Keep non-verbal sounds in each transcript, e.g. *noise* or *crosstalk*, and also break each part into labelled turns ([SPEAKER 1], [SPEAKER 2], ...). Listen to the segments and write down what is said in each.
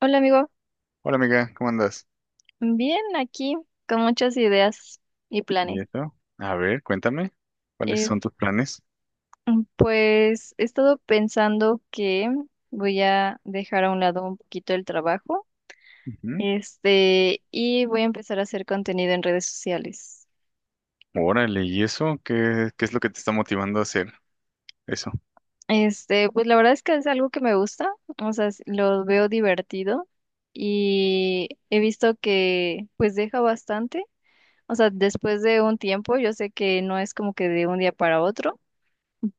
[SPEAKER 1] Hola amigo,
[SPEAKER 2] Hola amiga, ¿cómo andas?
[SPEAKER 1] bien aquí con muchas ideas y
[SPEAKER 2] ¿Y
[SPEAKER 1] planes.
[SPEAKER 2] eso? A ver, cuéntame, ¿cuáles
[SPEAKER 1] Eh,
[SPEAKER 2] son tus planes?
[SPEAKER 1] pues he estado pensando que voy a dejar a un lado un poquito el trabajo,
[SPEAKER 2] Ujú.
[SPEAKER 1] y voy a empezar a hacer contenido en redes sociales.
[SPEAKER 2] Órale, ¿y eso? ¿Qué, qué es lo que te está motivando a hacer eso?
[SPEAKER 1] Pues la verdad es que es algo que me gusta, o sea, lo veo divertido y he visto que pues deja bastante, o sea, después de un tiempo, yo sé que no es como que de un día para otro,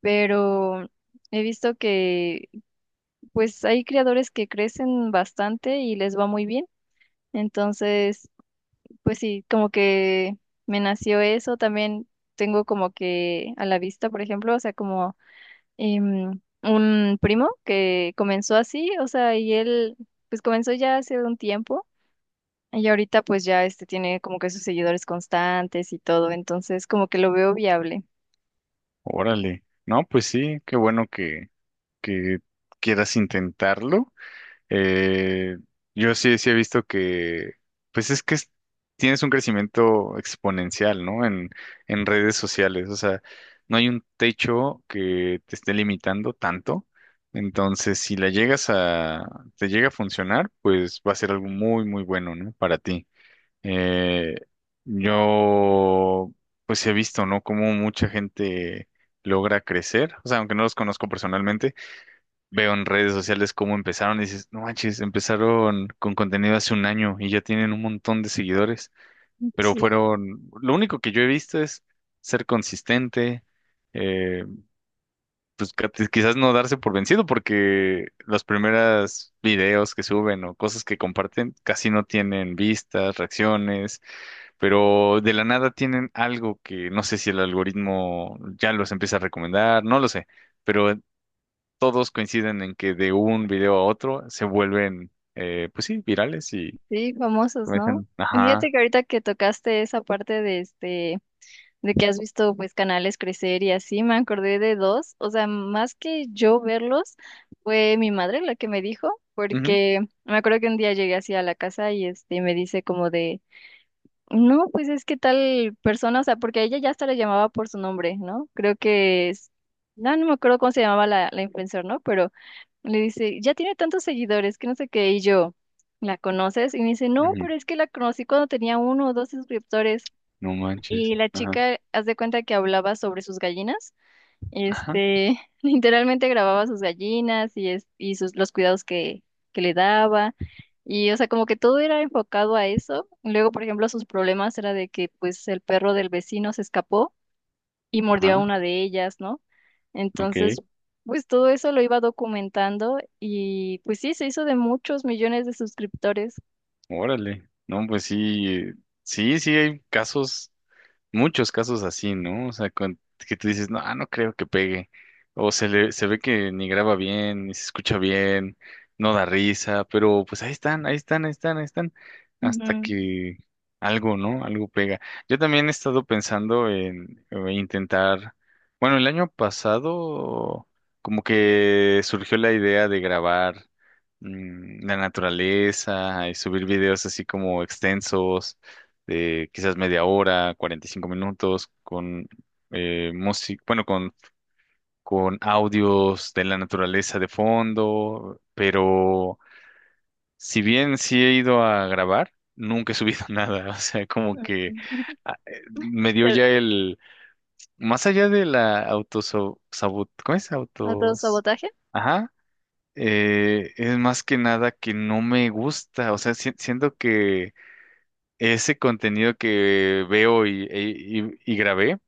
[SPEAKER 1] pero he visto que pues hay creadores que crecen bastante y les va muy bien. Entonces, pues sí, como que me nació eso. También tengo como que a la vista, por ejemplo, o sea, como un primo que comenzó así, o sea, y él pues comenzó ya hace un tiempo. Y ahorita pues ya tiene como que sus seguidores constantes y todo, entonces como que lo veo viable.
[SPEAKER 2] Órale. No, pues sí, qué bueno que quieras intentarlo. Eh, yo sí, he visto pues es que tienes un crecimiento exponencial, ¿no? En redes sociales, o sea, no hay un techo que te esté limitando tanto. Entonces, si la llegas a, te llega a funcionar, pues va a ser algo muy, muy bueno, ¿no? Para ti. Eh, yo, pues he visto, ¿no? Cómo mucha gente logra crecer, o sea, aunque no los conozco personalmente veo en redes sociales cómo empezaron y dices, no manches, empezaron con contenido hace un año y ya tienen un montón de seguidores, pero
[SPEAKER 1] Sí.
[SPEAKER 2] lo único que yo he visto es ser consistente, eh, pues quizás no darse por vencido porque los primeros videos que suben o cosas que comparten casi no tienen vistas, reacciones, pero de la nada tienen algo que no sé si el algoritmo ya los empieza a recomendar, no lo sé. Pero todos coinciden en que de un video a otro se vuelven, pues sí, virales y
[SPEAKER 1] Sí, famosos, ¿no?
[SPEAKER 2] comienzan,
[SPEAKER 1] Fíjate
[SPEAKER 2] ajá,
[SPEAKER 1] que ahorita que tocaste esa parte de de que has visto pues canales crecer y así, me acordé de dos, o sea, más que yo verlos, fue mi madre la que me dijo,
[SPEAKER 2] ujú,
[SPEAKER 1] porque me acuerdo que un día llegué así a la casa y me dice como de no, pues es que tal persona, o sea, porque a ella ya hasta la llamaba por su nombre, ¿no? Creo que es, no, no me acuerdo cómo se llamaba la influencer, ¿no? Pero le dice, ya tiene tantos seguidores, que no sé qué, y yo, ¿la conoces? Y me dice, no,
[SPEAKER 2] ujú,
[SPEAKER 1] pero es que la conocí cuando tenía uno o dos suscriptores.
[SPEAKER 2] no
[SPEAKER 1] Y
[SPEAKER 2] manches,
[SPEAKER 1] la
[SPEAKER 2] ajá,
[SPEAKER 1] chica, haz de cuenta que hablaba sobre sus gallinas.
[SPEAKER 2] ajá,
[SPEAKER 1] *laughs* Literalmente grababa sus gallinas y, es, y sus, los cuidados que le daba. Y, o sea, como que todo era enfocado a eso. Luego, por ejemplo, sus problemas era de que, pues, el perro del vecino se escapó y mordió a
[SPEAKER 2] ajá,
[SPEAKER 1] una de ellas, ¿no?
[SPEAKER 2] ok,
[SPEAKER 1] Entonces, pues, todo eso lo iba documentando y, pues, sí, se hizo de muchos millones de suscriptores.
[SPEAKER 2] órale, no, pues sí, sí, sí hay casos, muchos casos así, ¿no? O sea, que tú dices, no, ah, no creo que pegue. O se le, se ve que ni graba bien, ni se escucha bien, no da risa, pero pues ahí están, ahí están, ahí están, ahí están,
[SPEAKER 1] Ujú.
[SPEAKER 2] hasta
[SPEAKER 1] *laughs*
[SPEAKER 2] que algo, ¿no? Algo pega. Yo también he estado pensando en intentar, bueno, el año pasado como que surgió la idea de grabar la naturaleza y subir videos así como extensos de quizás media hora, 45 minutos, con música, bueno, con audios de la naturaleza de fondo, pero si bien sí he ido a grabar, nunca he subido *laughs* nada, o sea, como que
[SPEAKER 1] Mm,
[SPEAKER 2] ah, me dio
[SPEAKER 1] te-
[SPEAKER 2] ya el, más allá de la autosabot, ¿cómo es? Autos,
[SPEAKER 1] ¿Autosabotaje?
[SPEAKER 2] ajá. Es más que nada que no me gusta, o sea, siento que ese contenido que veo y grabé,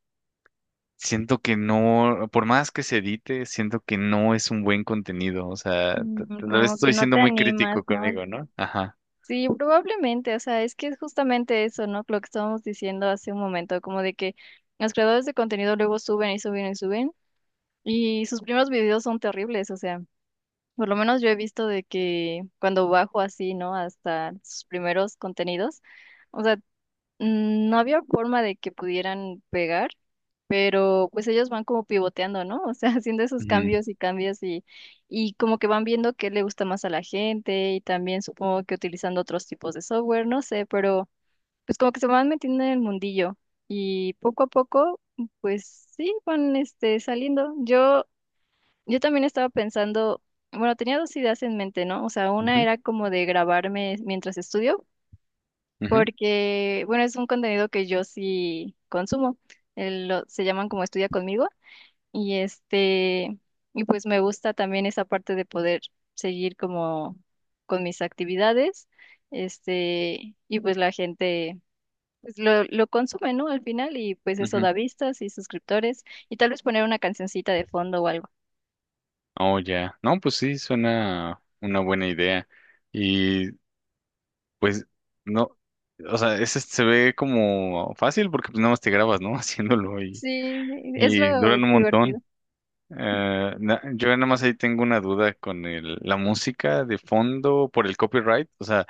[SPEAKER 2] siento que no, por más que se edite, siento que no es un buen contenido. O sea, tal vez
[SPEAKER 1] Como que
[SPEAKER 2] estoy
[SPEAKER 1] no
[SPEAKER 2] siendo
[SPEAKER 1] te
[SPEAKER 2] muy
[SPEAKER 1] animas,
[SPEAKER 2] crítico
[SPEAKER 1] ¿no?
[SPEAKER 2] conmigo, ¿no? Ajá.
[SPEAKER 1] Sí, probablemente, o sea, es que es justamente eso, ¿no? Lo que estábamos diciendo hace un momento, como de que los creadores de contenido luego suben y suben y suben, y sus primeros videos son terribles, o sea, por lo menos yo he visto de que cuando bajo así, ¿no? Hasta sus primeros contenidos, o sea, no había forma de que pudieran pegar, pero pues ellos van como pivoteando, ¿no? O sea, *laughs* haciendo esos
[SPEAKER 2] Ujú,
[SPEAKER 1] cambios y cambios y como que van viendo qué le gusta más a la gente y también supongo que utilizando otros tipos de software, no sé, pero pues como que se van metiendo en el mundillo y poco a poco, pues sí, van saliendo. Yo también estaba pensando, bueno, tenía dos ideas en mente, ¿no? O sea, una
[SPEAKER 2] ujú,
[SPEAKER 1] era como de grabarme mientras estudio
[SPEAKER 2] ujú,
[SPEAKER 1] porque, bueno, es un contenido que yo sí consumo. Se llaman como Estudia conmigo y pues me gusta también esa parte de poder seguir como con mis actividades, y pues la gente pues lo consume, ¿no? Al final y pues eso
[SPEAKER 2] ujú.
[SPEAKER 1] da vistas y suscriptores y tal vez poner una cancioncita de fondo o algo.
[SPEAKER 2] Oh, ya. No, pues sí, suena una buena idea. Y pues no, o sea, ese se ve como fácil porque pues nada más te grabas, ¿no? *laughs* Haciéndolo
[SPEAKER 1] Sí, sí, es
[SPEAKER 2] y
[SPEAKER 1] lo
[SPEAKER 2] duran un
[SPEAKER 1] divertido.
[SPEAKER 2] montón. Yo nada más ahí tengo una duda con la música de fondo por el copyright, o sea,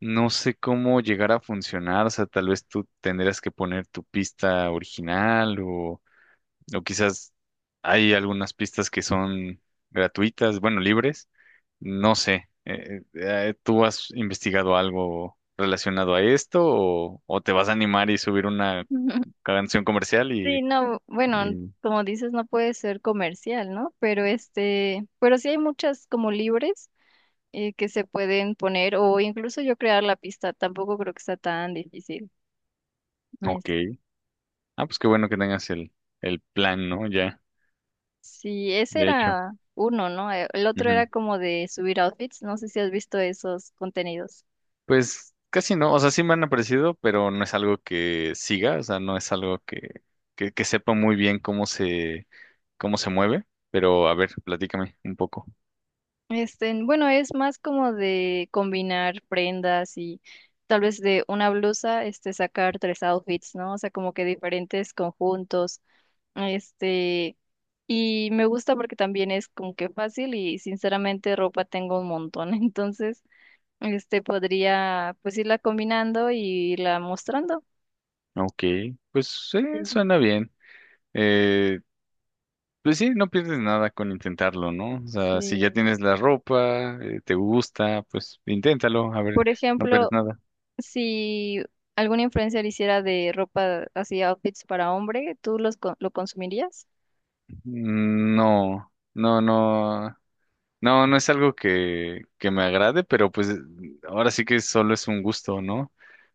[SPEAKER 2] no sé cómo llegar a funcionar, o sea, tal vez tú tendrías que poner tu pista original, o quizás hay algunas pistas que son gratuitas, bueno, libres, no sé, ¿tú has investigado algo relacionado a esto o te vas a animar y subir una
[SPEAKER 1] *laughs*
[SPEAKER 2] canción comercial
[SPEAKER 1] Sí,
[SPEAKER 2] y,
[SPEAKER 1] no, bueno,
[SPEAKER 2] y
[SPEAKER 1] como dices, no puede ser comercial, ¿no? Pero sí hay muchas como libres, que se pueden poner o incluso yo crear la pista, tampoco creo que está tan difícil.
[SPEAKER 2] ok.
[SPEAKER 1] Es-
[SPEAKER 2] Ah, pues qué bueno que tengas el plan, ¿no? Ya,
[SPEAKER 1] sí, ese
[SPEAKER 2] de hecho.
[SPEAKER 1] era uno, ¿no? El otro
[SPEAKER 2] Ujú.
[SPEAKER 1] era como de subir outfits, no sé si has visto esos contenidos.
[SPEAKER 2] Pues casi no, o sea, sí me han aparecido, pero no es algo que siga, o sea, no es algo que sepa muy bien cómo se mueve, pero a ver, platícame un poco.
[SPEAKER 1] Bueno, es más como de combinar prendas y tal vez de una blusa, sacar tres outfits, ¿no? O sea, como que diferentes conjuntos. Este, y me gusta porque también es como que fácil y sinceramente ropa tengo un montón. *laughs* Entonces, podría pues irla combinando y irla mostrando.
[SPEAKER 2] Ok, pues sí,
[SPEAKER 1] Sí,
[SPEAKER 2] suena bien. Eh, pues sí, no pierdes nada con intentarlo, ¿no? O sea, si
[SPEAKER 1] sí.
[SPEAKER 2] ya tienes la ropa, te gusta, pues inténtalo, a ver,
[SPEAKER 1] Por
[SPEAKER 2] no pierdes
[SPEAKER 1] ejemplo,
[SPEAKER 2] nada.
[SPEAKER 1] si alguna influencer hiciera de ropa así outfits para hombre, ¿tú lo consumirías?
[SPEAKER 2] Mm, no, no, no. No, no es algo que me agrade, pero pues ahora sí que solo es un gusto, ¿no?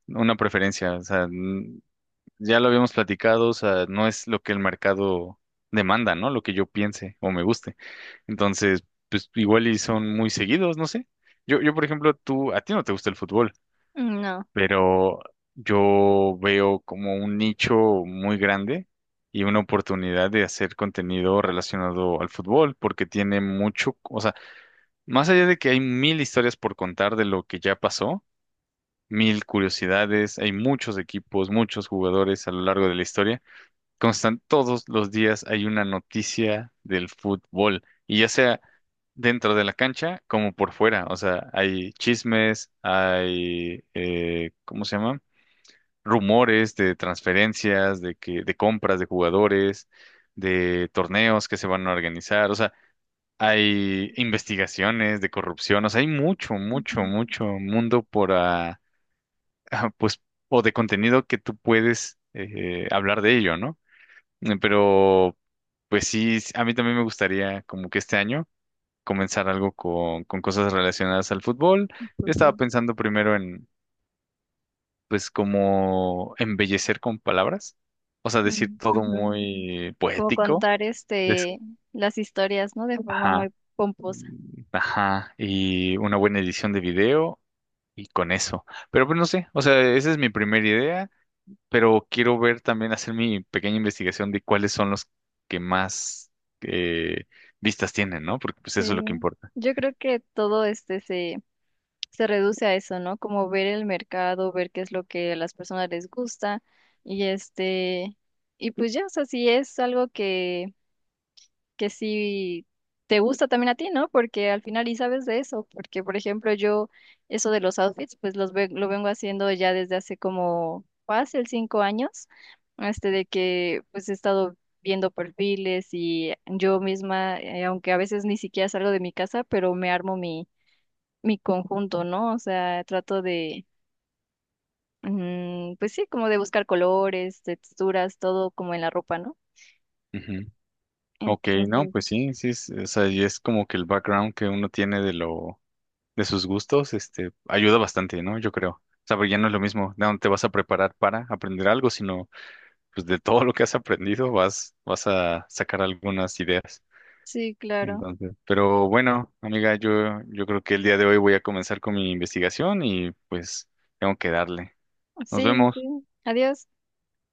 [SPEAKER 2] Una preferencia, o sea, ya lo habíamos platicado, o sea, no es lo que el mercado demanda, ¿no? Lo que yo piense o me guste. Entonces, pues igual y son muy seguidos, no sé. Por ejemplo, tú, a ti no te gusta el fútbol,
[SPEAKER 1] No.
[SPEAKER 2] pero yo veo como un nicho muy grande y una oportunidad de hacer contenido relacionado al fútbol, porque tiene mucho, o sea, más allá de que hay mil historias por contar de lo que ya pasó, mil curiosidades, hay muchos equipos, muchos jugadores a lo largo de la historia. Constan todos los días hay una noticia del fútbol, y ya sea dentro de la cancha como por fuera. O sea, hay chismes, hay, ¿cómo se llama? Rumores de transferencias, de compras de jugadores, de torneos que se van a organizar. O sea, hay investigaciones de corrupción, o sea, hay mucho,
[SPEAKER 1] Ujú.
[SPEAKER 2] mucho, mucho mundo por, ah, ah, pues, o de contenido que tú puedes hablar de ello, ¿no? Pero, pues sí, a mí también me gustaría como que este año comenzar algo con cosas relacionadas al fútbol.
[SPEAKER 1] Por
[SPEAKER 2] Yo estaba
[SPEAKER 1] favor.
[SPEAKER 2] pensando primero en, pues, como embellecer con palabras, o sea, decir
[SPEAKER 1] Mm,
[SPEAKER 2] todo
[SPEAKER 1] ujú.
[SPEAKER 2] muy
[SPEAKER 1] Como
[SPEAKER 2] poético.
[SPEAKER 1] contar
[SPEAKER 2] des-
[SPEAKER 1] las historias, ¿no? De forma muy
[SPEAKER 2] Ajá.
[SPEAKER 1] pomposa.
[SPEAKER 2] Ajá, y una buena edición de video y con eso. Pero pues no sé, o sea, esa es mi primera idea, pero quiero ver también, hacer mi pequeña investigación de cuáles son los que más eh, vistas tienen, ¿no? Porque pues eso es lo que
[SPEAKER 1] Sí,
[SPEAKER 2] importa.
[SPEAKER 1] yo creo que todo se reduce a eso, ¿no? Como ver el mercado, ver qué es lo que a las personas les gusta y este, y pues ya, o sea, si es algo que si te gusta también a ti, ¿no? Porque al final y sabes de eso, porque por ejemplo yo eso de los outfits, pues lo vengo haciendo ya desde hace como fácil 5 años, de que pues he estado viendo perfiles y yo misma, aunque a veces ni siquiera salgo de mi casa, pero me armo mi, conjunto, ¿no? O sea, trato de, pues sí, como de buscar colores, texturas, todo como en la ropa, ¿no?
[SPEAKER 2] Ujú. Ok, no,
[SPEAKER 1] Entonces,
[SPEAKER 2] pues sí, sí, es, o sea, y es como que el background que uno tiene de lo, de sus gustos, este, ayuda bastante, ¿no? Yo creo. O sea, porque ya no es lo mismo, no te vas a preparar para aprender algo, sino pues de todo lo que has aprendido vas a sacar algunas ideas.
[SPEAKER 1] sí, claro.
[SPEAKER 2] Entonces, pero bueno, amiga, yo creo que el día de hoy voy a comenzar con mi investigación y pues tengo que darle.
[SPEAKER 1] Sí,
[SPEAKER 2] Nos
[SPEAKER 1] sí,
[SPEAKER 2] vemos.
[SPEAKER 1] sí. Adiós.